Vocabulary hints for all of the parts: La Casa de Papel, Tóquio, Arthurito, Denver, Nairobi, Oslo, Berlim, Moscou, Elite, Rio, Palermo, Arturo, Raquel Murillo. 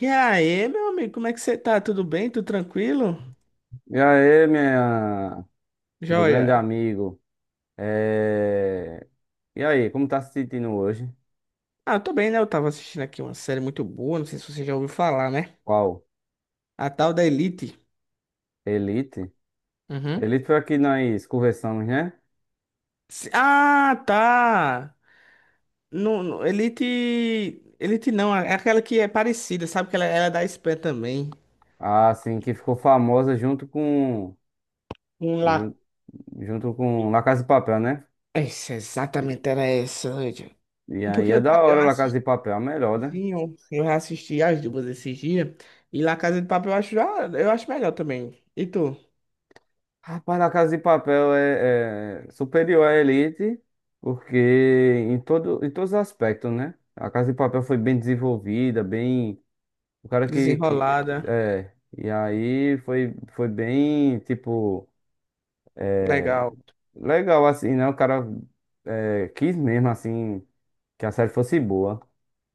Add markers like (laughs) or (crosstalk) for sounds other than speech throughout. E aí, meu amigo, como é que você tá? Tudo bem? Tudo tranquilo? E aí, minha, meu grande Joia. amigo, é... e aí, como tá se sentindo hoje? Ah, eu tô bem, né? Eu tava assistindo aqui uma série muito boa, não sei se você já ouviu falar, né? Qual? A tal da Elite. Elite? Uhum. Elite foi aqui que nós conversamos, né? Ah, tá. Elite. Elite não, é aquela que é parecida, sabe? Que ela é da Espanha também. Ah, sim, que ficou famosa junto com Um lá. ju- junto com La Casa de Papel, né? Essa, exatamente era essa, gente. E aí é da Eu hora La Casa assisti, de Papel, a melhor, né? assim, eu assisti as duas esses dias. E La Casa de Papel eu acho, eu acho melhor também. E tu? Rapaz, La Casa de Papel é superior à Elite, porque em todos os aspectos, né? A Casa de Papel foi bem desenvolvida, bem. O cara que Desenrolada. E aí foi, foi bem, tipo, Legal. legal assim, né? O cara, quis mesmo assim que a série fosse boa,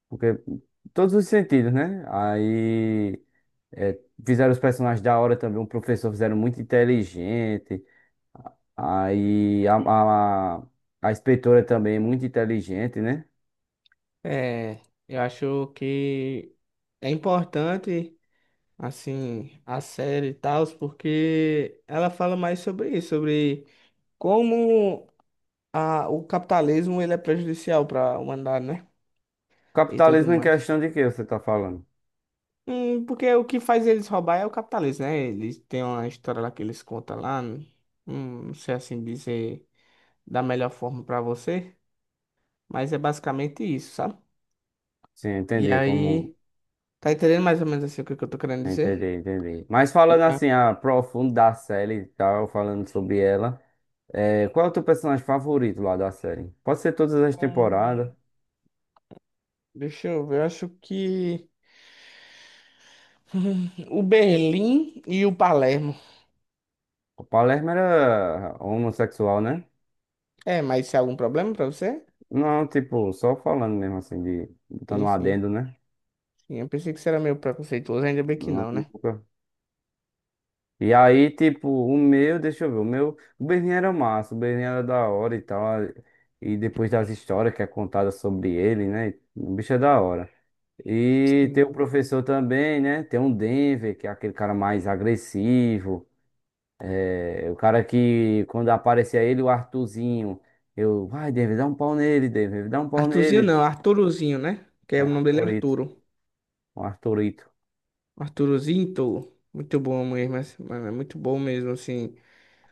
porque todos os sentidos, né? Aí, é, fizeram os personagens da hora também, o professor fizeram muito inteligente, aí a, a, a inspetora também muito inteligente, né? É, eu acho que é importante, assim, a série e tal, porque ela fala mais sobre isso, sobre como o capitalismo ele é prejudicial para a humanidade, né? E tudo Capitalismo em mais. questão de que você tá falando? Porque o que faz eles roubar é o capitalismo, né? Eles têm uma história lá que eles contam lá, não sei assim dizer da melhor forma para você, mas é basicamente isso, sabe? Sim, E entender como. aí, tá entendendo mais ou menos assim o que que eu tô querendo Entendi, dizer? entendi. Mas falando assim, a profundo da série e tal, falando sobre ela, qual é o teu personagem favorito lá da série? Pode ser todas as Hum, temporadas. Deixa eu ver, eu acho que (laughs) o Berlim e o Palermo. O Palermo era homossexual, né? É, mas se há algum problema pra você? Não, tipo, só falando mesmo assim, de, botando Sim, um sim, adendo, né? sim. Eu pensei que você era meio preconceituoso, ainda bem que Não, não, né? nunca. E aí, tipo, deixa eu ver, o meu, o Berlim era massa, o Berlim era da hora e tal. E depois das histórias que é contada sobre ele, né? O bicho é da hora. E tem o Sim. professor também, né? Tem um Denver, que é aquele cara mais agressivo. É, o cara que, quando aparecia ele, o Arthurzinho. Eu, vai, Denver, dá um pau nele, Denver, dá um pau Arthurzinho nele. não, Arturozinho, né? Que É, é o nome dele é Arthurito, Arturo. o Arthurito. Arturozinho, tolo. Muito bom mesmo, mas mano, é muito bom mesmo, assim,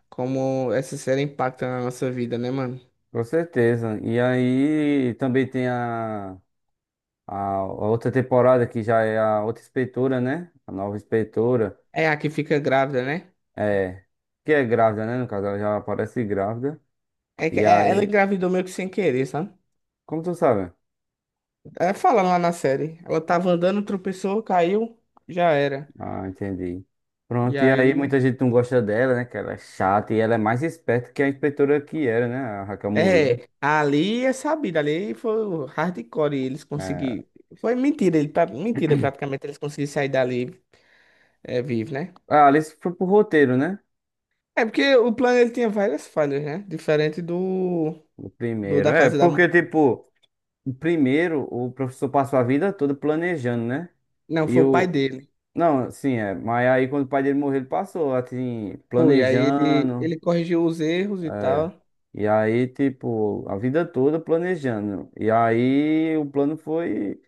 como essa série impacta na nossa vida, né, mano? Com certeza. E aí também tem a. A outra temporada que já é a outra inspetora, né? A nova inspetora. É a que fica grávida, né? É. Que é grávida, né? No caso, ela já aparece grávida. E Ela aí, engravidou meio que sem querer, sabe? como tu sabe? É, fala lá na série. Ela tava andando, tropeçou, caiu, já era. Ah, entendi. E Pronto, e aí aí, muita gente não gosta dela, né? Que ela é chata e ela é mais esperta que a inspetora que era, né? A Raquel Murillo. é, ali é sabido, ali foi o hardcore e eles É. conseguiram. Foi mentira, ele, pra- Mentira praticamente, eles conseguiram sair dali, é, vivo, né? A Alice foi pro roteiro, né? É porque o plano ele tinha várias falhas, né? Diferente do, O do primeiro. da É, casa da. Mu- porque, tipo, o primeiro o professor passou a vida toda planejando, né? Não, E foi o pai eu. dele. Não, sim, é. Mas aí quando o pai dele morreu, ele passou, assim, Foi, aí ele, planejando. ele corrigiu os erros e tal. E aí, tipo, a vida toda planejando. E aí o plano foi.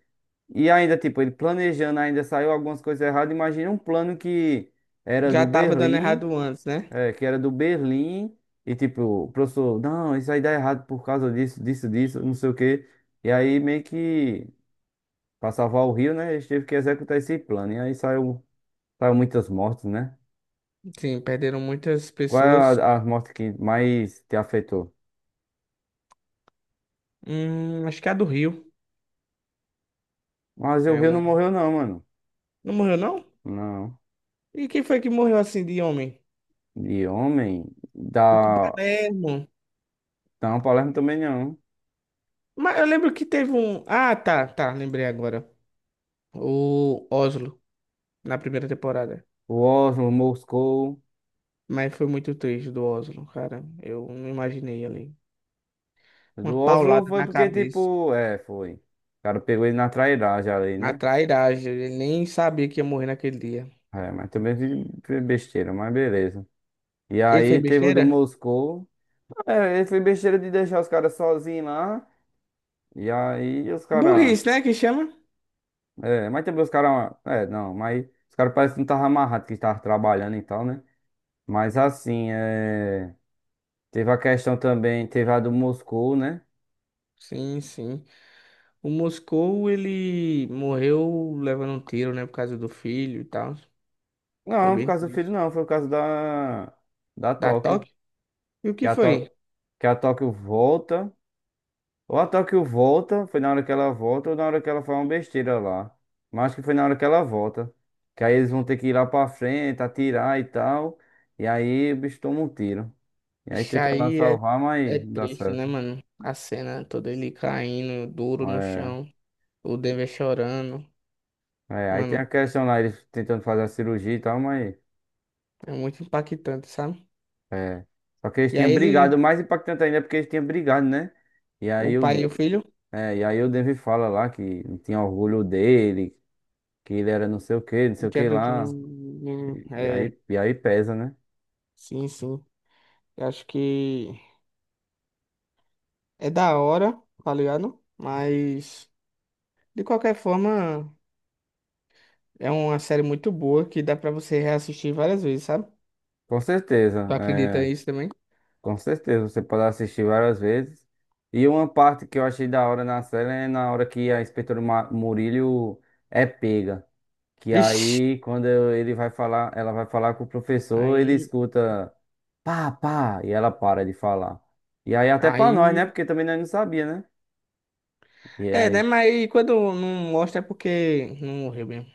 E ainda, tipo, ele planejando, ainda saiu algumas coisas erradas. Imagina um plano que era Já do tava dando Berlim, errado antes, né? é, que era do Berlim. E tipo, o professor, não, isso aí dá errado por causa disso, disso, disso, não sei o quê. E aí meio que, pra salvar o Rio, né? Eles teve que executar esse plano. E aí saiu muitas mortes, né? Sim, perderam muitas Qual pessoas. é a morte que mais te afetou? Acho que é a do Rio. Mas o É Rio não uma. morreu não, mano. Não morreu, não? Não. E quem foi que morreu assim de homem? De homem, da, O Palermo. da Palermo também não. Mas eu lembro que teve um. Ah, tá, tá, lembrei agora. O Oslo, na primeira temporada. O Oslo, Moscou. Mas foi muito triste do Oslo, cara. Eu não imaginei ali. Uma Do Oslo paulada foi na porque, cabeça. tipo, foi. O cara pegou ele na trairagem ali, Uma né? trairagem. Ele nem sabia que ia morrer naquele dia. É, mas também foi besteira, mas beleza. E Ele aí fez teve o do besteira? Moscou. É, ele foi besteira de deixar os caras sozinhos lá. E aí os caras. Burrice, né? Que chama? É, mas também os caras. É, não, mas os caras parecem que não estavam amarrados que estavam trabalhando e tal, né? Mas assim, teve a questão também, teve a do Moscou, né? Sim, sim. O Moscou, ele morreu levando um tiro, né? Por causa do filho e tal. Foi Não, por bem causa do filho, triste. não, foi por causa da, da Da Tóquio. Tóquio? E o Que que a, Tó... foi? que a Tóquio volta. Ou a Tóquio volta, foi na hora que ela volta, ou na hora que ela faz uma besteira lá. Mas acho que foi na hora que ela volta. Que aí eles vão ter que ir lá pra frente, atirar e tal. E aí o bicho toma um tiro. E aí Isso tenta lá aí é, salvar, é mas não dá triste, né, certo. mano? A cena toda ele caindo duro no É, chão, o Denver chorando. Aí tem Mano, a questão lá, eles tentando fazer a cirurgia e tal, mas. é muito impactante, sabe? É. Só que eles E tinham aí brigado, ele, o mais impactante ainda é porque eles tinham brigado, né? E o aí pai o, e o filho, é, e aí o Denver fala lá que não tinha orgulho dele, que ele era não sei o que, não sei o que quero. Lá. do- é, E aí pesa, né? sim, sim. Eu acho que é da hora, tá ligado? Mas, de qualquer forma, é uma série muito boa que dá pra você reassistir várias vezes, sabe? Com certeza, Tu acredita nisso também? com certeza, você pode assistir várias vezes. E uma parte que eu achei da hora na série é na hora que a Murillo é pega. Que Vixe! aí, ele vai falar, ela vai falar com o professor, ele Aí, escuta pá, pá, e ela para de falar. E aí, até pra nós, né? aí, Porque também nós não sabia, né? E é, né? aí, Mas quando não mostra é porque não morreu mesmo.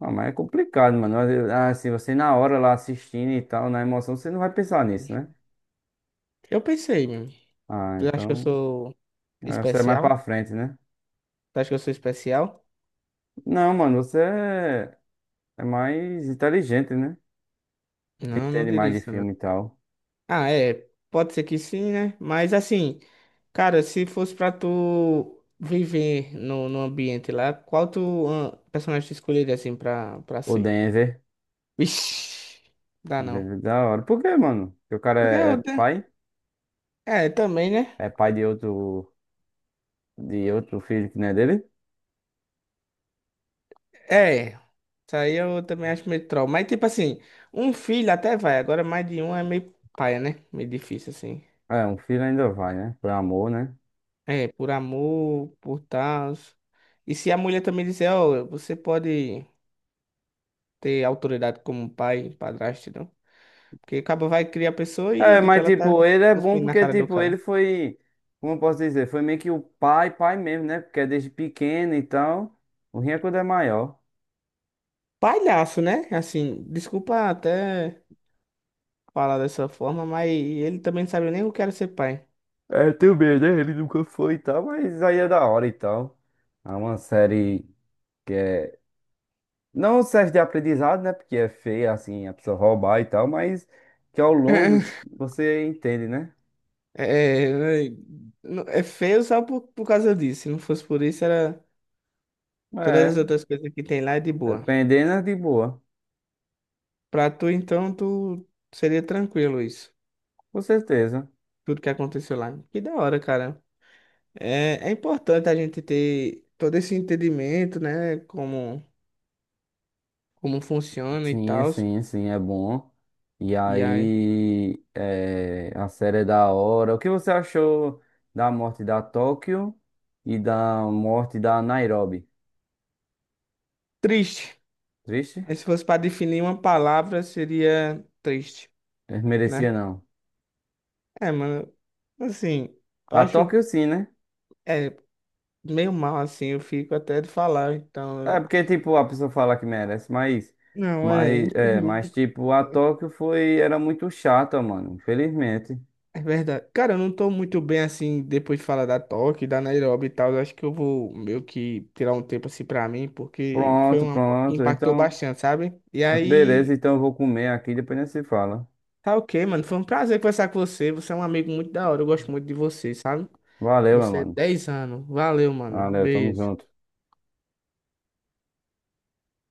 ah, mas é complicado, mano. Ah, se você na hora lá assistindo e tal, na emoção, você não vai pensar nisso, né? Eu pensei mesmo. Ah, Tu acha que eu então, sou você é mais especial? pra frente, né? Tu acha que eu sou especial? Não, mano, é mais inteligente, né? Não, não Entende diria mais de isso, não. filme e tal. Ah, é. Pode ser que sim, né? Mas assim, cara, se fosse pra tu viver no ambiente lá, qual tu ah, personagem tu escolheria assim pra O ser? Denver, Vixe, (laughs) dá não. Denver é da hora. Por quê, mano? Porque o cara Porque é eu. te- pai? É, também, né? É pai de outro. De outro filho que não é dele? É, isso aí eu também acho meio troll. Mas, tipo assim, um filho até vai, agora mais de um é meio paia, né? Meio difícil, assim. É, um filho ainda vai, né? Por amor, né? É, por amor, por tal. E se a mulher também disser, ó, você pode ter autoridade como pai, padrasto, não? Porque acaba vai criar a pessoa e É, mas depois ela tá tipo, ele é bom cuspindo na porque, cara do tipo, cara. Como eu posso dizer, foi meio que o pai, pai mesmo, né? Porque é desde pequeno e tal. O ruim é quando é maior. Palhaço, né? Assim, desculpa até falar dessa forma, mas ele também não sabe nem o que era ser pai. É, também, né? Ele nunca foi e tal, mas aí é da hora e tal. É uma série que é. Não serve de aprendizado, né? Porque é feia, assim, a pessoa roubar e tal, mas que ao longo (laughs) você entende, né? É, é é feio só por causa disso. Se não fosse por isso, era todas as É, outras coisas que tem lá é de boa. dependendo é de boa, Pra tu, então, tu seria tranquilo isso. com certeza. Tudo que aconteceu lá. Que da hora, cara. É, é importante a gente ter todo esse entendimento, né? Como funciona e Sim, tal. sim, sim, é bom. E E aí. aí, a série é da hora. O que você achou da morte da Tóquio e da morte da Nairobi? Triste. Triste? Aí, se fosse pra definir uma palavra, seria triste, Eh, merecia né? não. É, mano. Assim, eu A acho. Tóquio sim, né? É, meio mal assim, eu fico até de falar, então. É porque, tipo, a pessoa fala que merece, mas, Não, é, mas infelizmente. tipo, era muito chata, mano, infelizmente. É verdade. Cara, eu não tô muito bem assim depois de falar da Tóquio, da Nairobi e tal. Eu acho que eu vou meio que tirar um tempo assim pra mim, porque foi Pronto, uma moto que pronto. impactou Então, bastante, sabe? E beleza, aí, então eu vou comer aqui, depois a gente se fala. tá ok, mano. Foi um prazer conversar com você. Você é um amigo muito da hora. Eu gosto muito de você, sabe? Valeu, meu Você é mano. 10 anos. Valeu, mano. Valeu, tamo Beijo. junto.